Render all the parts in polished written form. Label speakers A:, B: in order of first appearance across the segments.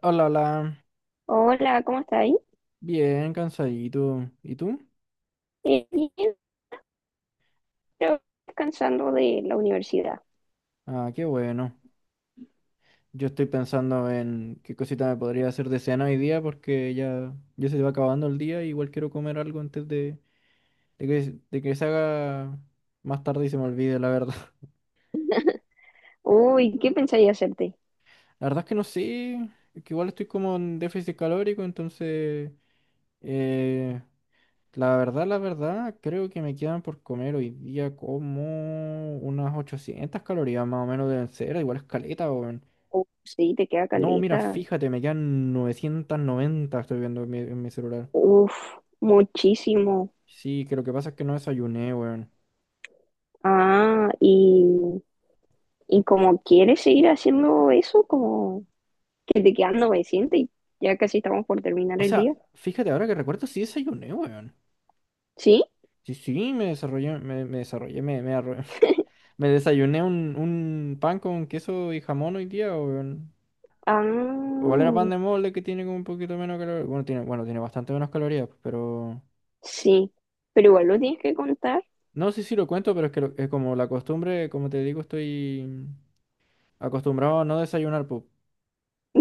A: Hola, hola.
B: Hola, ¿cómo estáis?
A: Bien, cansadito. ¿Y tú?
B: Bien, pero descansando de la universidad.
A: Ah, qué bueno. Yo estoy pensando en qué cosita me podría hacer de cena hoy día porque ya, ya se va acabando el día. Igual quiero comer algo antes de, de que se haga más tarde y se me olvide, la verdad.
B: Uy, ¿qué pensáis hacerte?
A: La verdad es que no sé, es que igual estoy como en déficit calórico, entonces eh, la verdad, creo que me quedan por comer hoy día como unas 800 calorías más o menos deben ser. Igual es caleta, weón.
B: Uf, sí, te queda
A: No, mira,
B: caleta.
A: fíjate, me quedan 990, estoy viendo en mi celular.
B: Uf, muchísimo.
A: Sí, que lo que pasa es que no desayuné, weón.
B: Ah, y como quieres seguir haciendo eso, como que te quedan 900 y ya casi estamos por terminar
A: O
B: el
A: sea,
B: día.
A: fíjate, ahora que recuerdo, sí desayuné, weón.
B: ¿Sí?
A: Sí, sí, me desarrollé, me desarrollé, me, arro- me desayuné un pan con queso y jamón hoy día, weón.
B: Ah,
A: Igual era pan de molde que tiene como un poquito menos calorías. Bueno, tiene bastante menos calorías, pero.
B: sí, pero igual lo tienes que contar.
A: No sé si lo cuento, pero es que es como la costumbre, como te digo, estoy acostumbrado a no desayunar, pues.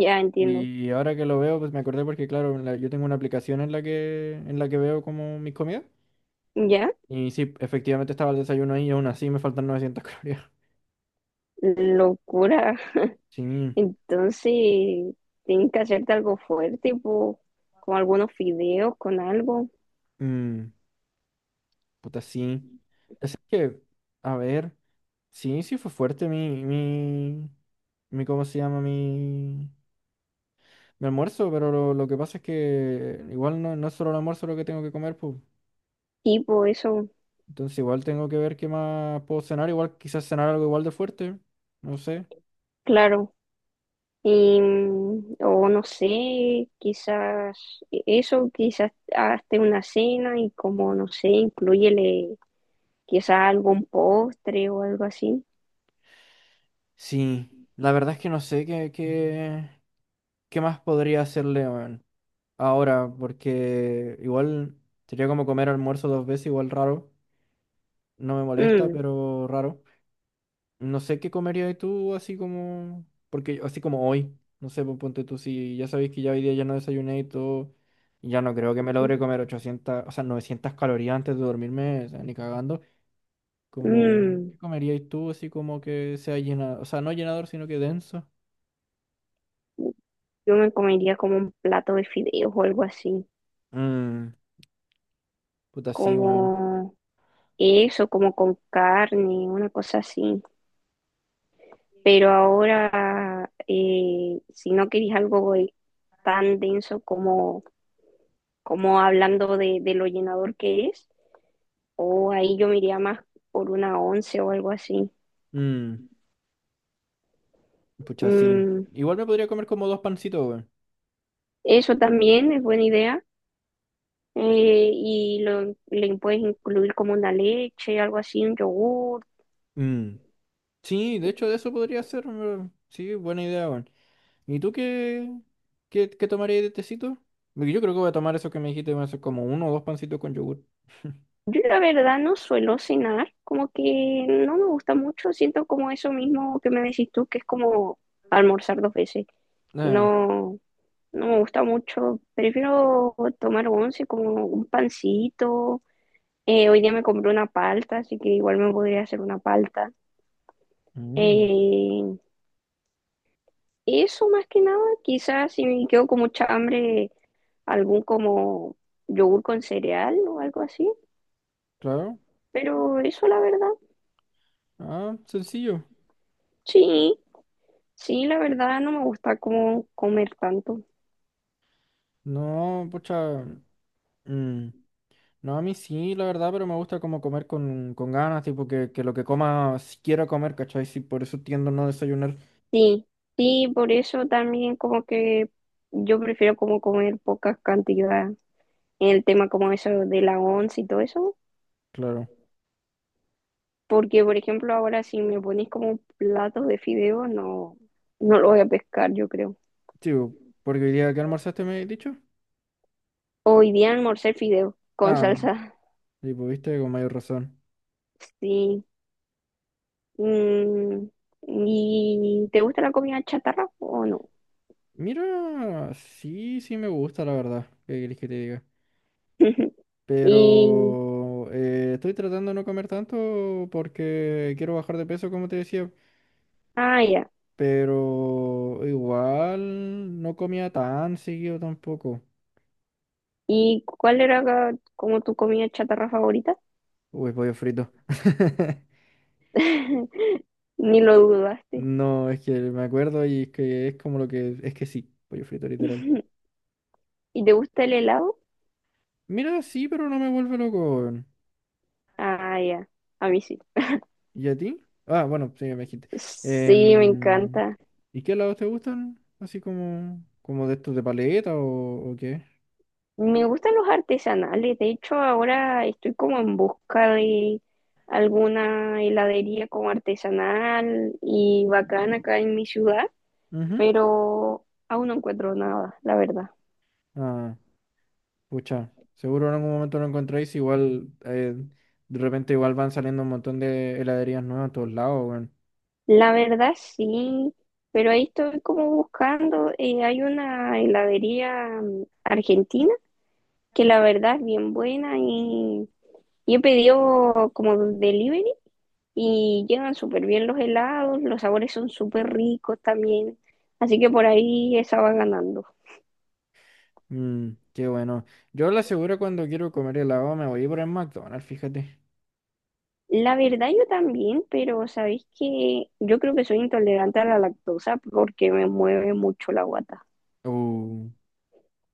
B: Ya entiendo.
A: Y ahora que lo veo, pues me acordé porque, claro, yo tengo una aplicación en la que veo como mis comidas.
B: Ya,
A: Y sí, efectivamente estaba el desayuno ahí y aún así me faltan 900 calorías.
B: locura.
A: Sí,
B: Entonces, tienes que hacerte algo fuerte, po, con algunos fideos, con algo,
A: mm, puta, sí. Así que, a ver, sí, sí fue fuerte mi, mi, mi, ¿cómo se llama? Mi almuerzo, pero lo que pasa es que igual no, no es solo el almuerzo lo que tengo que comer, pues.
B: tipo eso,
A: Entonces igual tengo que ver qué más puedo cenar, igual quizás cenar algo igual de fuerte, no sé.
B: claro. Y, o no sé, quizás eso, quizás hazte una cena y como, no sé, incluyele quizás algún postre o algo así.
A: Sí, la verdad es que no sé qué más podría hacerle weón, ahora, porque igual sería como comer almuerzo dos veces, igual raro. No me molesta,
B: Mm,
A: pero raro. No sé qué comerías tú así como, porque así como hoy, no sé, pues, ponte tú, si ya sabéis que ya hoy día ya no desayuné y todo, y ya no creo que me logre comer 800, o sea, 900 calorías antes de dormirme, o sea, ni cagando. Como,
B: mm,
A: ¿qué comerías tú así como que sea llenador, o sea, no llenador, sino que denso?
B: Yo me comería como un plato de fideos o algo así,
A: Mm, puta, sí, weón.
B: como eso, como con carne, una cosa así. Pero ahora, si no queréis algo tan denso como, como hablando de lo llenador que es, o ahí yo me iría más por una once o algo así.
A: Mm, pucha, sí.
B: Mm,
A: Igual me podría comer como dos pancitos, weón.
B: eso también es buena idea. Y le puedes incluir como una leche, algo así, un yogur.
A: Mm. Sí, de hecho, de eso podría ser, weón. Sí, buena idea, weón. ¿Y tú qué tomarías de tecito? Porque yo creo que voy a tomar eso que me dijiste, voy a hacer como uno o dos pancitos con yogur.
B: Yo la verdad no suelo cenar, como que no me gusta mucho, siento como eso mismo que me decís tú, que es como almorzar dos veces. Y
A: Ah,
B: no, no me gusta mucho, prefiero tomar once como un pancito. Hoy día me compré una palta, así que igual me podría hacer una palta.
A: mm,
B: Eh, Eso más que nada, quizás si me quedo con mucha hambre, algún como yogur con cereal o algo así,
A: claro.
B: pero eso la verdad,
A: Ah, sencillo.
B: sí. Sí, la verdad no me gusta como comer tanto.
A: No, pucha. mm, No, a mí sí, la verdad, pero me gusta como comer con, ganas, tipo que lo que coma, si quiera comer, ¿cachai? Sí, por eso tiendo a no desayunar.
B: Sí, sí, por eso también como que yo prefiero como comer pocas cantidades. En el tema como eso de la once y todo eso,
A: Claro.
B: porque por ejemplo ahora si me pones como platos de fideo, no, no lo voy a pescar, yo creo.
A: Sí, bo, porque hoy día que almorzaste me he dicho.
B: Hoy día almorcé fideo con
A: Nada,
B: salsa.
A: tipo, viste con mayor razón.
B: Sí. Mm, ¿y te gusta la comida chatarra o no?
A: Mira, sí, sí me gusta, la verdad. ¿Qué querés que te diga?
B: Y,
A: Pero estoy tratando de no comer tanto porque quiero bajar de peso, como te decía.
B: ah, ya.
A: Pero igual no comía tan seguido tampoco.
B: ¿Y cuál era ca- como tu comida chatarra favorita?
A: Uy, pollo frito.
B: Ni lo dudaste.
A: No, es que me acuerdo y es que Es que sí, pollo frito, literal.
B: ¿Y te gusta el helado?
A: Mira, sí, pero no me vuelve loco, weón.
B: Ah, ya, a mí sí.
A: ¿Y a ti? Ah, bueno, sí, me dijiste.
B: Sí, me
A: Em,
B: encanta.
A: ¿Y qué helados te gustan? Así como de estos de paleta o qué.
B: Me gustan los artesanales. De hecho, ahora estoy como en busca de alguna heladería como artesanal y bacana acá en mi ciudad,
A: Ujú.
B: pero aún no encuentro nada, la verdad.
A: Ah, pucha. Seguro en algún momento lo encontráis. Igual, de repente igual van saliendo un montón de heladerías nuevas a todos lados, weón.
B: La verdad sí, pero ahí estoy como buscando, hay una heladería, argentina, que la verdad es bien buena y he pedido como delivery y llegan súper bien los helados, los sabores son súper ricos también, así que por ahí esa va ganando.
A: Qué bueno. Yo la aseguro cuando quiero comer helado me voy por el McDonald's, fíjate.
B: La verdad yo también, pero sabéis que yo creo que soy intolerante a la lactosa porque me mueve mucho la guata.
A: Uh.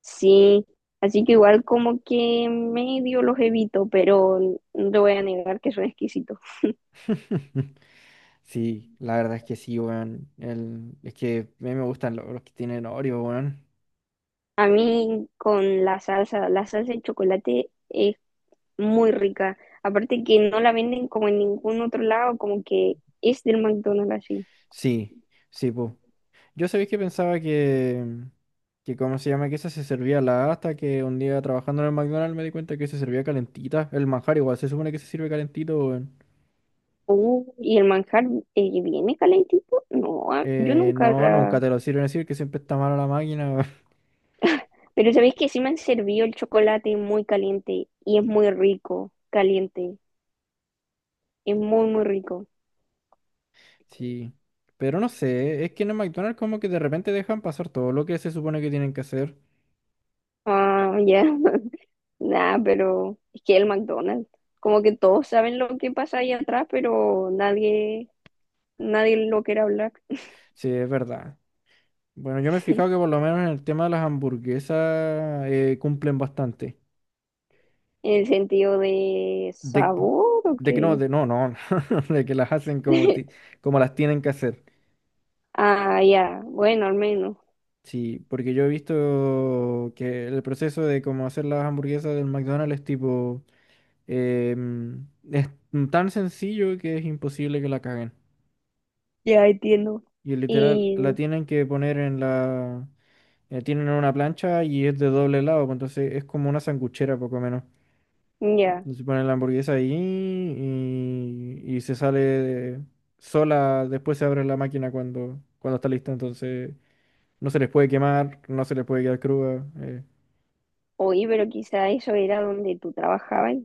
B: Sí, así que igual como que medio los evito, pero no te voy a negar que son exquisitos.
A: Sí, la verdad es que sí, weón. Es que a mí me gustan los, que tienen Oreo, weón.
B: A mí con la salsa de chocolate es muy rica. Aparte que no la venden como en ningún otro lado, como que es del McDonald's así.
A: Sí, sí, pues. Yo sabéis que pensaba que, ¿cómo se llama? Que esa se servía la hasta que un día trabajando en el McDonald's me di cuenta que se servía calentita. El manjar igual, se supone que se sirve calentito, weón.
B: Y el manjar viene calentito. No, ah, yo nunca
A: No,
B: la...
A: nunca te lo sirven así, que siempre está mala la máquina, weón.
B: Pero sabéis que sí me han servido el chocolate muy caliente y es muy rico, caliente. Es muy, muy rico.
A: Sí. Pero no sé, es que en el McDonald's como que de repente dejan pasar todo lo que se supone que tienen que hacer.
B: Ah, ya. Nah, pero es que el McDonald's, como que todos saben lo que pasa ahí atrás, pero nadie, nadie lo quiere hablar.
A: Sí, es verdad. Bueno, yo me he fijado que por lo menos en el tema de las hamburguesas cumplen bastante.
B: ¿En el sentido de
A: De,
B: sabor, o
A: de que no,
B: qué?
A: de no, no, De que las hacen como, como las tienen que hacer.
B: Ah, ya, bueno, al menos.
A: Sí, porque yo he visto que el proceso de cómo hacer las hamburguesas del McDonald's es tipo, em, es tan sencillo que es imposible que la caguen.
B: Ya entiendo.
A: Y literal, la
B: Y
A: tienen que poner en tienen una plancha y es de doble lado, pues entonces es como una sanguchera poco menos.
B: ya,
A: Se pone la hamburguesa ahí y se sale sola, después se abre la máquina cuando está lista, entonces no se les puede quemar, no se les puede quedar cruda.
B: oí, pero quizá eso era donde tú trabajabas.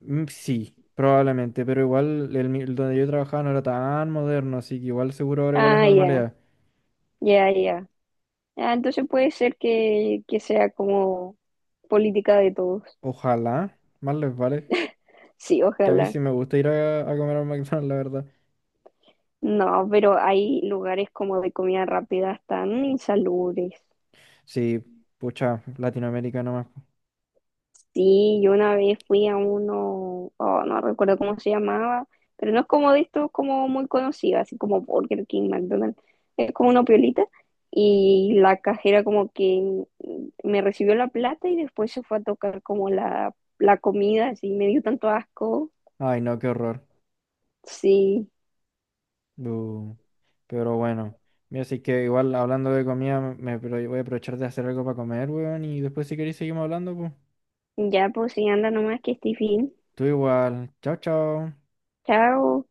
A: Mm, sí, probablemente, pero igual el donde yo trabajaba no era tan moderno, así que igual seguro ahora igual es
B: Ah, ya,
A: normalidad.
B: ya, ya. Ah, entonces puede ser que sea como política de todos.
A: Ojalá, más les vale,
B: Sí,
A: que a mí
B: ojalá.
A: sí me gusta ir a comer al McDonald's, la verdad.
B: No, pero hay lugares como de comida rápida tan insalubres.
A: Sí, pucha, Latinoamérica nomás.
B: Sí, yo una vez fui a uno, oh, no recuerdo cómo se llamaba, pero no es como de estos como muy conocido, así como Burger King, McDonald's, es como una piolita y la cajera como que me recibió la plata y después se fue a tocar como la comida, así me dio tanto asco.
A: Ay, no, qué horror.
B: Sí,
A: Pero bueno, mira, así que igual hablando de comida, voy a aprovechar de hacer algo para comer, weón, y después si queréis seguimos hablando, pues.
B: ya pues sí, anda nomás que estoy bien.
A: Tú igual. Chao, chao.
B: Chao.